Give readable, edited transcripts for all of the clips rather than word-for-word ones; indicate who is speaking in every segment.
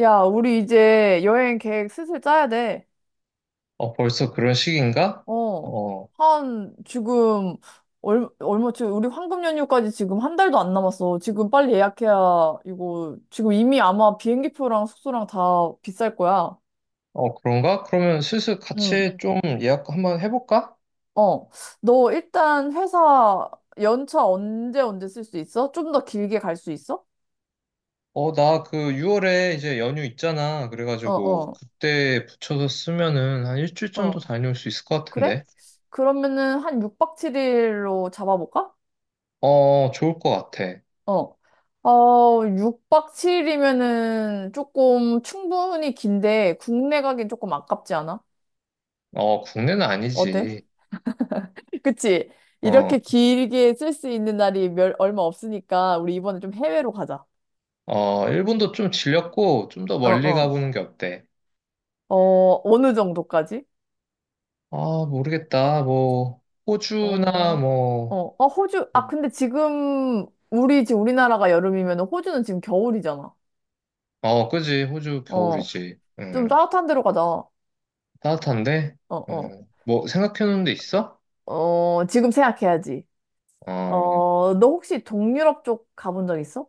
Speaker 1: 야, 우리 이제 여행 계획 슬슬 짜야 돼.
Speaker 2: 어, 벌써 그런 시기인가?
Speaker 1: 어.
Speaker 2: 어,
Speaker 1: 한, 지금, 얼마, 지금 우리 황금 연휴까지 지금 한 달도 안 남았어. 지금 빨리 예약해야, 이거, 지금 이미 아마 비행기표랑 숙소랑 다 비쌀 거야.
Speaker 2: 어, 그런가? 그러면 슬슬
Speaker 1: 응.
Speaker 2: 같이 좀 예약 한번 해볼까?
Speaker 1: 어. 너 일단 회사 연차 언제 언제 쓸 수 있어? 좀 더 길게 갈 수 있어?
Speaker 2: 어, 나 그 6월에 이제 연휴 있잖아.
Speaker 1: 어,
Speaker 2: 그래가지고
Speaker 1: 어,
Speaker 2: 그때 붙여서 쓰면은 한 일주일
Speaker 1: 어.
Speaker 2: 정도 다녀올 수 있을 것
Speaker 1: 그래?
Speaker 2: 같은데.
Speaker 1: 그러면은 한 6박 7일로 잡아볼까?
Speaker 2: 어, 좋을 것 같아.
Speaker 1: 어. 어, 6박 7일이면은 조금 충분히 긴데 국내 가긴 조금 아깝지 않아?
Speaker 2: 어, 국내는
Speaker 1: 어때?
Speaker 2: 아니지.
Speaker 1: 그치?
Speaker 2: 어,
Speaker 1: 이렇게 길게 쓸 수 있는 날이 얼마 없으니까 우리 이번에 좀 해외로 가자.
Speaker 2: 어, 일본도 좀 질렸고 좀 더
Speaker 1: 어,
Speaker 2: 멀리
Speaker 1: 어.
Speaker 2: 가보는 게 어때?
Speaker 1: 어, 어느 정도까지?
Speaker 2: 아, 모르겠다. 뭐, 호주나
Speaker 1: 어, 어,
Speaker 2: 뭐,
Speaker 1: 어, 호주. 아, 근데 지금 우리나라가 여름이면 호주는 지금 겨울이잖아.
Speaker 2: 어, 그지. 호주
Speaker 1: 어.
Speaker 2: 겨울이지.
Speaker 1: 좀
Speaker 2: 응.
Speaker 1: 따뜻한 데로 가자. 어,
Speaker 2: 따뜻한데?
Speaker 1: 어.
Speaker 2: 뭐 생각해놓은 데 있어?
Speaker 1: 어, 지금 생각해야지.
Speaker 2: 어,
Speaker 1: 어, 너 혹시 동유럽 쪽 가본 적 있어?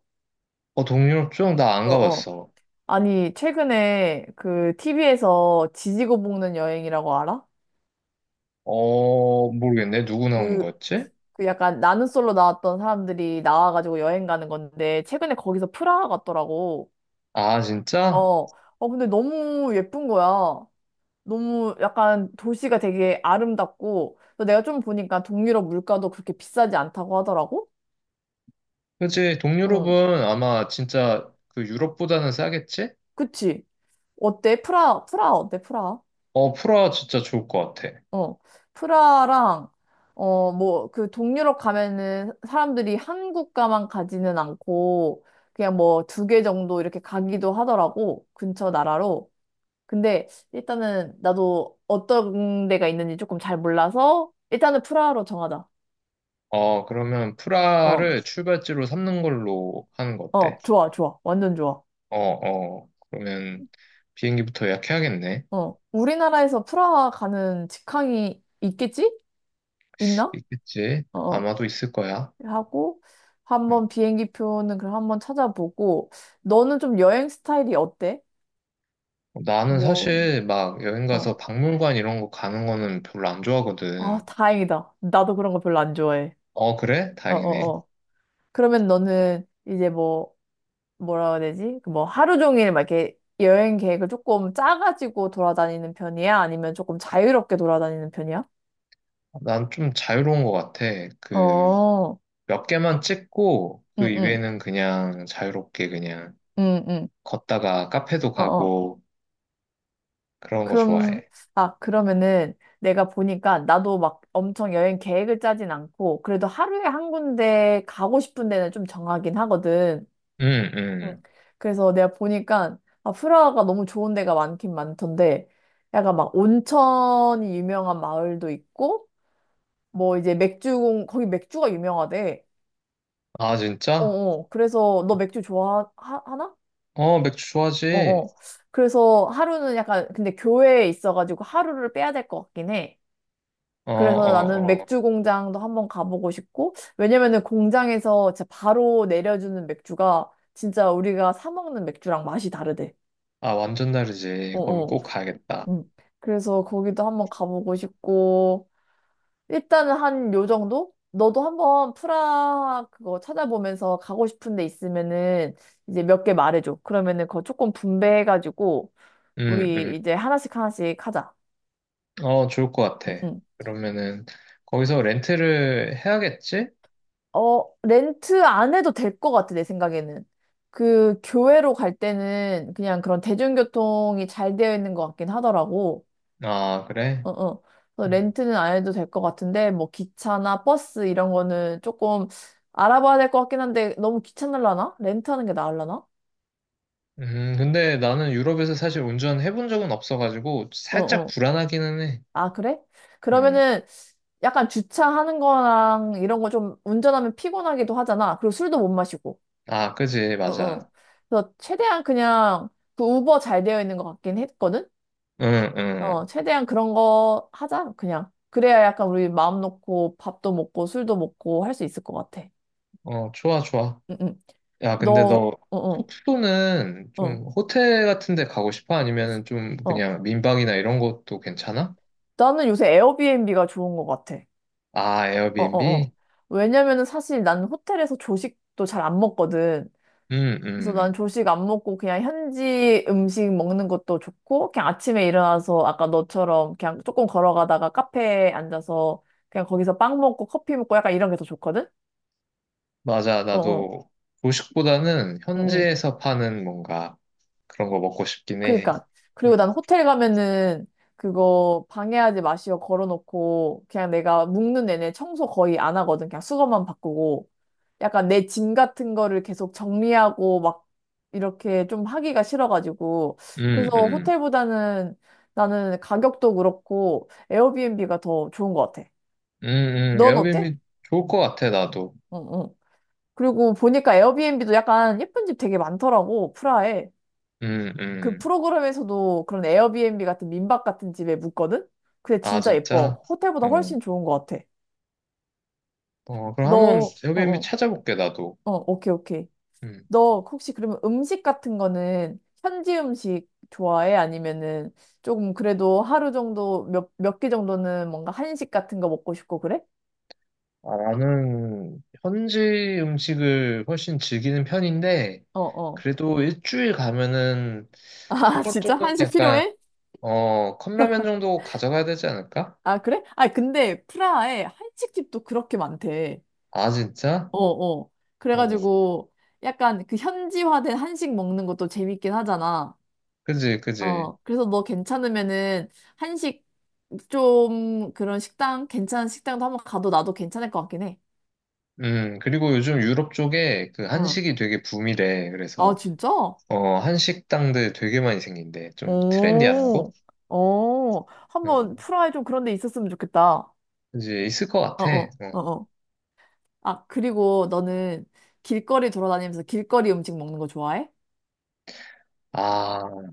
Speaker 2: 어 동유럽 쪽? 나 안
Speaker 1: 어, 어.
Speaker 2: 가봤어.
Speaker 1: 아니, 최근에 그 TV에서 지지고 볶는 여행이라고 알아?
Speaker 2: 어, 모르겠네. 누구 나오는
Speaker 1: 그,
Speaker 2: 거였지?
Speaker 1: 그 약간 나는 솔로 나왔던 사람들이 나와가지고 여행 가는 건데, 최근에 거기서 프라하 갔더라고.
Speaker 2: 아, 진짜?
Speaker 1: 어, 어, 근데 너무 예쁜 거야. 너무 약간 도시가 되게 아름답고, 또 내가 좀 보니까 동유럽 물가도 그렇게 비싸지 않다고 하더라고?
Speaker 2: 그치.
Speaker 1: 응,
Speaker 2: 동유럽은 아마 진짜 그 유럽보다는 싸겠지?
Speaker 1: 그치. 어때? 프라하 어때? 프라하?
Speaker 2: 어, 프라 진짜 좋을 것 같아.
Speaker 1: 어, 프라랑, 어, 뭐, 그 동유럽 가면은 사람들이 한국가만 가지는 않고, 그냥 뭐 두 개 정도 이렇게 가기도 하더라고, 근처 나라로. 근데 일단은 나도 어떤 데가 있는지 조금 잘 몰라서, 일단은 프라하로 정하자.
Speaker 2: 어, 그러면
Speaker 1: 어,
Speaker 2: 프라를 출발지로 삼는 걸로 하는 거 어때?
Speaker 1: 어, 좋아, 좋아. 완전 좋아.
Speaker 2: 어, 어. 그러면 비행기부터 예약해야겠네.
Speaker 1: 어, 우리나라에서 프라하 가는 직항이 있겠지? 있나?
Speaker 2: 있겠지?
Speaker 1: 어, 어.
Speaker 2: 아마도 있을 거야.
Speaker 1: 하고
Speaker 2: 응.
Speaker 1: 한번 비행기 표는 그럼 한번 찾아보고 너는 좀 여행 스타일이 어때?
Speaker 2: 나는
Speaker 1: 뭐,
Speaker 2: 사실 막 여행
Speaker 1: 어.
Speaker 2: 가서 박물관 이런 거 가는 거는 별로 안
Speaker 1: 아,
Speaker 2: 좋아하거든.
Speaker 1: 다행이다. 나도 그런 거 별로 안 좋아해.
Speaker 2: 어, 그래?
Speaker 1: 어, 어,
Speaker 2: 다행이네.
Speaker 1: 어. 그러면 너는 이제 뭐라 해야 되지? 그뭐 하루 종일 막 이렇게 여행 계획을 조금 짜가지고 돌아다니는 편이야? 아니면 조금 자유롭게 돌아다니는 편이야?
Speaker 2: 난 좀 자유로운 것 같아. 그
Speaker 1: 어,
Speaker 2: 몇 개만 찍고 그
Speaker 1: 응, 응,
Speaker 2: 이외에는 그냥 자유롭게 그냥
Speaker 1: 응, 응.
Speaker 2: 걷다가 카페도
Speaker 1: 어어
Speaker 2: 가고 그런 거
Speaker 1: 그럼,
Speaker 2: 좋아해.
Speaker 1: 아, 그러면은 내가 보니까 나도 막 엄청 여행 계획을 짜진 않고 그래도 하루에 한 군데 가고 싶은 데는 좀 정하긴 하거든.
Speaker 2: 응,
Speaker 1: 응.
Speaker 2: 응.
Speaker 1: 그래서 내가 보니까 아, 프라하가 너무 좋은 데가 많긴 많던데 약간 막 온천이 유명한 마을도 있고 뭐 이제 거기 맥주가 유명하대.
Speaker 2: 아, 진짜?
Speaker 1: 어어. 그래서 너 맥주 좋아하나?
Speaker 2: 어, 맥주 좋아하지?
Speaker 1: 어어. 그래서 하루는 약간 근데 교회에 있어가지고 하루를 빼야 될 것 같긴 해.
Speaker 2: 어,
Speaker 1: 그래서 나는
Speaker 2: 어,
Speaker 1: 맥주
Speaker 2: 어.
Speaker 1: 공장도 한번 가보고 싶고, 왜냐면은 공장에서 진짜 바로 내려주는 맥주가 진짜 우리가 사 먹는 맥주랑 맛이 다르대.
Speaker 2: 아, 완전
Speaker 1: 어,
Speaker 2: 다르지. 거기
Speaker 1: 어.
Speaker 2: 꼭 가야겠다.
Speaker 1: 음. 그래서 거기도 한번 가보고 싶고, 일단은 한 요 정도? 너도 한번 프라 그거 찾아보면서 가고 싶은 데 있으면은 이제 몇 개 말해줘. 그러면은 그거 조금 분배해가지고,
Speaker 2: 응, 응.
Speaker 1: 우리 이제 하나씩 하나씩 하자.
Speaker 2: 어, 좋을 것
Speaker 1: 응,
Speaker 2: 같아.
Speaker 1: 응.
Speaker 2: 그러면은 거기서 렌트를 해야겠지?
Speaker 1: 어, 렌트 안 해도 될 것 같아, 내 생각에는. 그 교회로 갈 때는 그냥 그런 대중교통이 잘 되어 있는 것 같긴 하더라고.
Speaker 2: 아, 그래?
Speaker 1: 어, 어. 그래서
Speaker 2: 음.
Speaker 1: 렌트는 안 해도 될 것 같은데, 뭐 기차나 버스 이런 거는 조금 알아봐야 될 것 같긴 한데, 너무 귀찮을라나? 렌트하는 게 나을라나?
Speaker 2: 근데 나는 유럽에서 사실 운전해본 적은 없어가지고
Speaker 1: 어,
Speaker 2: 살짝
Speaker 1: 어.
Speaker 2: 불안하기는 해.
Speaker 1: 아, 그래?
Speaker 2: 음.
Speaker 1: 그러면은 약간 주차하는 거랑 이런 거 좀 운전하면 피곤하기도 하잖아. 그리고 술도 못 마시고.
Speaker 2: 아, 그지,
Speaker 1: 어, 어.
Speaker 2: 맞아.
Speaker 1: 그래서 최대한 그냥 그 우버 잘 되어 있는 것 같긴 했거든?
Speaker 2: 응,
Speaker 1: 어,
Speaker 2: 응.
Speaker 1: 최대한 그런 거 하자, 그냥. 그래야 약간 우리 마음 놓고 밥도 먹고 술도 먹고 할 수 있을 것 같아.
Speaker 2: 어, 좋아, 좋아.
Speaker 1: 응, 응.
Speaker 2: 야, 근데 너
Speaker 1: 어, 어,
Speaker 2: 숙소는
Speaker 1: 어,
Speaker 2: 좀 호텔 같은 데 가고 싶어? 아니면은 좀
Speaker 1: 어.
Speaker 2: 그냥 민방이나 이런 것도 괜찮아?
Speaker 1: 나는 요새 에어비앤비가 좋은 것 같아.
Speaker 2: 아,
Speaker 1: 어, 어, 어.
Speaker 2: 에어비앤비?
Speaker 1: 왜냐면은 사실 난 호텔에서 조식도 잘 안 먹거든.
Speaker 2: 음,
Speaker 1: 그래서 난
Speaker 2: 음.
Speaker 1: 조식 안 먹고 그냥 현지 음식 먹는 것도 좋고, 그냥 아침에 일어나서 아까 너처럼 그냥 조금 걸어가다가 카페에 앉아서 그냥 거기서 빵 먹고 커피 먹고 약간 이런 게 더 좋거든?
Speaker 2: 맞아.
Speaker 1: 어어.
Speaker 2: 나도 도식보다는
Speaker 1: 응응.
Speaker 2: 현지에서 파는 뭔가 그런 거 먹고 싶긴 해.
Speaker 1: 그니까. 그리고 난
Speaker 2: 음,
Speaker 1: 호텔 가면은 그거 방해하지 마시오 걸어놓고 그냥 내가 묵는 내내 청소 거의 안 하거든. 그냥 수건만 바꾸고 약간 내 짐 같은 거를 계속 정리하고 막 이렇게 좀 하기가 싫어가지고
Speaker 2: 음,
Speaker 1: 그래서
Speaker 2: 음.
Speaker 1: 호텔보다는 나는 가격도 그렇고 에어비앤비가 더 좋은 것 같아. 넌 어때?
Speaker 2: 에어비앤비 좋을 것 같아, 나도.
Speaker 1: 응, 응. 그리고 보니까 에어비앤비도 약간 예쁜 집 되게 많더라고, 프라하에.
Speaker 2: 음,
Speaker 1: 그
Speaker 2: 음.
Speaker 1: 프로그램에서도 그런 에어비앤비 같은 민박 같은 집에 묵거든? 근데
Speaker 2: 아,
Speaker 1: 진짜
Speaker 2: 진짜?
Speaker 1: 예뻐. 호텔보다
Speaker 2: 어.
Speaker 1: 훨씬 좋은 것 같아.
Speaker 2: 어, 그럼 한번
Speaker 1: 어,
Speaker 2: 에어비앤비
Speaker 1: 어,
Speaker 2: 찾아볼게, 나도.
Speaker 1: 어, 오케이, 오케이.
Speaker 2: 음.
Speaker 1: 너 혹시 그러면 음식 같은 거는 현지 음식 좋아해? 아니면은 조금 그래도 하루 정도 몇 개 정도는 뭔가 한식 같은 거 먹고 싶고 그래?
Speaker 2: 아, 나는 현지 음식을 훨씬 즐기는 편인데,
Speaker 1: 어, 어.
Speaker 2: 그래도 일주일 가면은
Speaker 1: 아,
Speaker 2: 한 번
Speaker 1: 진짜
Speaker 2: 정도는
Speaker 1: 한식
Speaker 2: 약간,
Speaker 1: 필요해?
Speaker 2: 어, 컵라면 정도 가져가야 되지 않을까?
Speaker 1: 아, 그래? 아, 근데 프라하에 한식집도 그렇게 많대.
Speaker 2: 아, 진짜?
Speaker 1: 어, 어.
Speaker 2: 어,
Speaker 1: 그래가지고 약간 그 현지화된 한식 먹는 것도 재밌긴 하잖아.
Speaker 2: 그지, 그지.
Speaker 1: 어, 그래서 너 괜찮으면은 한식 좀 그런 식당, 괜찮은 식당도 한번 가도 나도 괜찮을 것 같긴 해.
Speaker 2: 그리고 요즘 유럽 쪽에 그
Speaker 1: 응.
Speaker 2: 한식이 되게 붐이래,
Speaker 1: 아,
Speaker 2: 그래서.
Speaker 1: 진짜?
Speaker 2: 어, 한식당들 되게 많이 생긴데, 좀 트렌디한 곳?
Speaker 1: 오, 오, 한번
Speaker 2: 음,
Speaker 1: 프라이 좀 그런 데 있었으면 좋겠다.
Speaker 2: 이제 있을 것
Speaker 1: 어,
Speaker 2: 같아.
Speaker 1: 어, 어,
Speaker 2: 어.
Speaker 1: 어. 아, 그리고 너는 길거리 돌아다니면서 길거리 음식 먹는 거 좋아해?
Speaker 2: 아,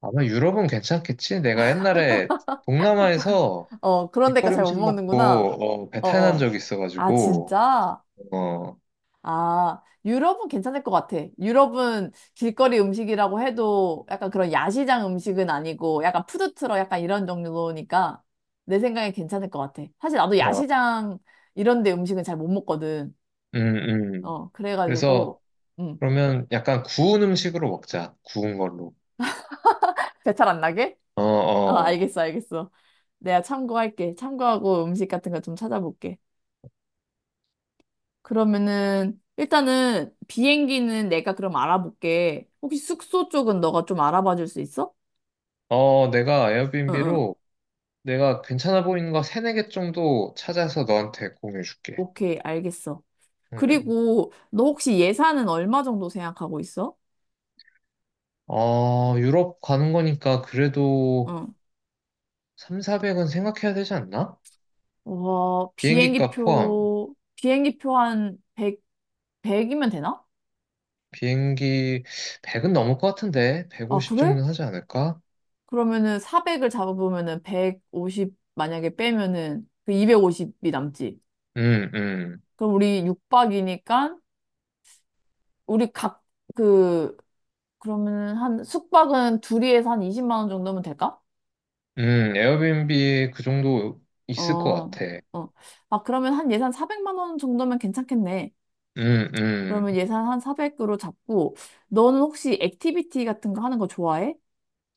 Speaker 2: 아마 유럽은 괜찮겠지? 내가 옛날에 동남아에서
Speaker 1: 어, 그런 데가
Speaker 2: 길거리
Speaker 1: 잘 못
Speaker 2: 음식
Speaker 1: 먹는구나.
Speaker 2: 먹고, 어,
Speaker 1: 어,
Speaker 2: 배탈 난
Speaker 1: 어.
Speaker 2: 적이
Speaker 1: 아,
Speaker 2: 있어가지고,
Speaker 1: 진짜?
Speaker 2: 어, 어,
Speaker 1: 아, 유럽은 괜찮을 것 같아. 유럽은 길거리 음식이라고 해도 약간 그런 야시장 음식은 아니고 약간 푸드트럭 약간 이런 종류니까 내 생각에 괜찮을 것 같아. 사실 나도 야시장 이런 데 음식은 잘 못 먹거든.
Speaker 2: 음, 음.
Speaker 1: 어, 그래가지고,
Speaker 2: 그래서,
Speaker 1: 음,
Speaker 2: 그러면 약간 구운 음식으로 먹자. 구운 걸로.
Speaker 1: 배탈 안 나게?
Speaker 2: 어,
Speaker 1: 어,
Speaker 2: 어.
Speaker 1: 알겠어, 알겠어. 내가 참고할게. 참고하고 음식 같은 거 좀 찾아볼게. 그러면은, 일단은 비행기는 내가 그럼 알아볼게. 혹시 숙소 쪽은 너가 좀 알아봐 줄 수 있어?
Speaker 2: 어, 내가
Speaker 1: 응, 응.
Speaker 2: 에어비앤비로 내가 괜찮아 보이는 거 세네 개 정도 찾아서 너한테 공유해 줄게.
Speaker 1: 오케이, 알겠어. 그리고 너 혹시 예산은 얼마 정도 생각하고 있어?
Speaker 2: 어, 유럽 가는 거니까 그래도
Speaker 1: 응.
Speaker 2: 3, 400은 생각해야 되지 않나?
Speaker 1: 와,
Speaker 2: 비행기 값 포함.
Speaker 1: 비행기표, 비행기표 한 100, 이면 되나?
Speaker 2: 비행기 100은 넘을 것 같은데
Speaker 1: 아,
Speaker 2: 150
Speaker 1: 그래?
Speaker 2: 정도는 하지 않을까?
Speaker 1: 그러면은 400을 잡아보면은 150 만약에 빼면은 그 250이 남지.
Speaker 2: 음, 음.
Speaker 1: 그럼 우리 육박이니까 우리 각 그 그러면은 한 숙박은 둘이에서 한 20만 원 정도면 될까?
Speaker 2: 에어비앤비 그 정도 있을 것
Speaker 1: 어.
Speaker 2: 같아.
Speaker 1: 어. 아, 그러면 한 예산 400만 원 정도면 괜찮겠네.
Speaker 2: 음, 음.
Speaker 1: 그러면 예산 한 400으로 잡고, 너는 혹시 액티비티 같은 거 하는 거 좋아해?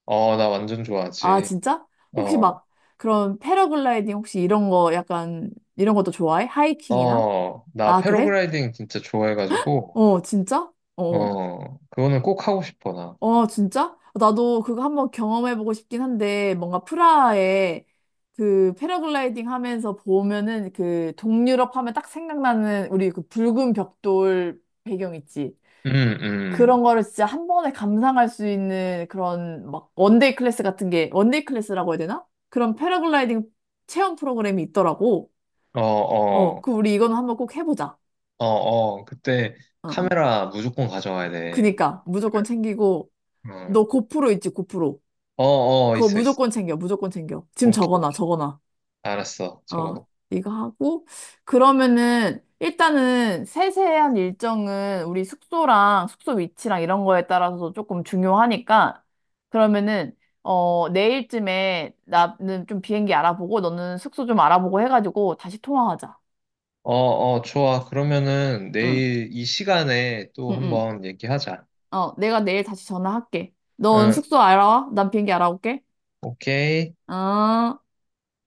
Speaker 2: 어, 나 완전
Speaker 1: 아,
Speaker 2: 좋아하지.
Speaker 1: 진짜? 혹시
Speaker 2: 어,
Speaker 1: 막 그런 패러글라이딩 혹시 이런 거 약간 이런 것도 좋아해? 하이킹이나?
Speaker 2: 어, 나
Speaker 1: 아, 그래?
Speaker 2: 패러글라이딩 진짜 좋아해가지고,
Speaker 1: 어, 진짜? 어.
Speaker 2: 어, 그거는 꼭 하고 싶어, 나.
Speaker 1: 어, 어, 진짜? 나도 그거 한번 경험해보고 싶긴 한데, 뭔가 프라하에 그 패러글라이딩 하면서 보면은 그 동유럽 하면 딱 생각나는 우리 그 붉은 벽돌 배경 있지?
Speaker 2: 음, 음.
Speaker 1: 그런 거를 진짜 한 번에 감상할 수 있는 그런 막 원데이 클래스 같은 게 원데이 클래스라고 해야 되나? 그런 패러글라이딩 체험 프로그램이 있더라고.
Speaker 2: 어,
Speaker 1: 어,
Speaker 2: 어.
Speaker 1: 그 우리 이거는 한번 꼭 해보자.
Speaker 2: 어, 어, 그때
Speaker 1: 어, 어.
Speaker 2: 카메라 무조건 가져와야 돼.
Speaker 1: 그니까 무조건 챙기고
Speaker 2: 그러면,
Speaker 1: 너 고프로 있지 고프로.
Speaker 2: 어, 어, 어,
Speaker 1: 그거
Speaker 2: 있어, 있어.
Speaker 1: 무조건 챙겨 무조건 챙겨. 지금
Speaker 2: 오케이, 오케이.
Speaker 1: 적어놔 적어놔.
Speaker 2: 알았어,
Speaker 1: 어,
Speaker 2: 적어놓고.
Speaker 1: 이거 하고, 그러면은, 일단은 세세한 일정은 우리 숙소랑 숙소 위치랑 이런 거에 따라서 조금 중요하니까, 그러면은, 어, 내일쯤에 나는 좀 비행기 알아보고, 너는 숙소 좀 알아보고 해가지고 다시 통화하자.
Speaker 2: 어, 어, 좋아. 그러면은
Speaker 1: 응,
Speaker 2: 내일 이 시간에 또
Speaker 1: 응, 응.
Speaker 2: 한번 얘기하자.
Speaker 1: 어, 내가 내일 다시 전화할게. 넌
Speaker 2: 응,
Speaker 1: 숙소 알아와? 난 비행기 알아올게.
Speaker 2: 오케이.
Speaker 1: 어.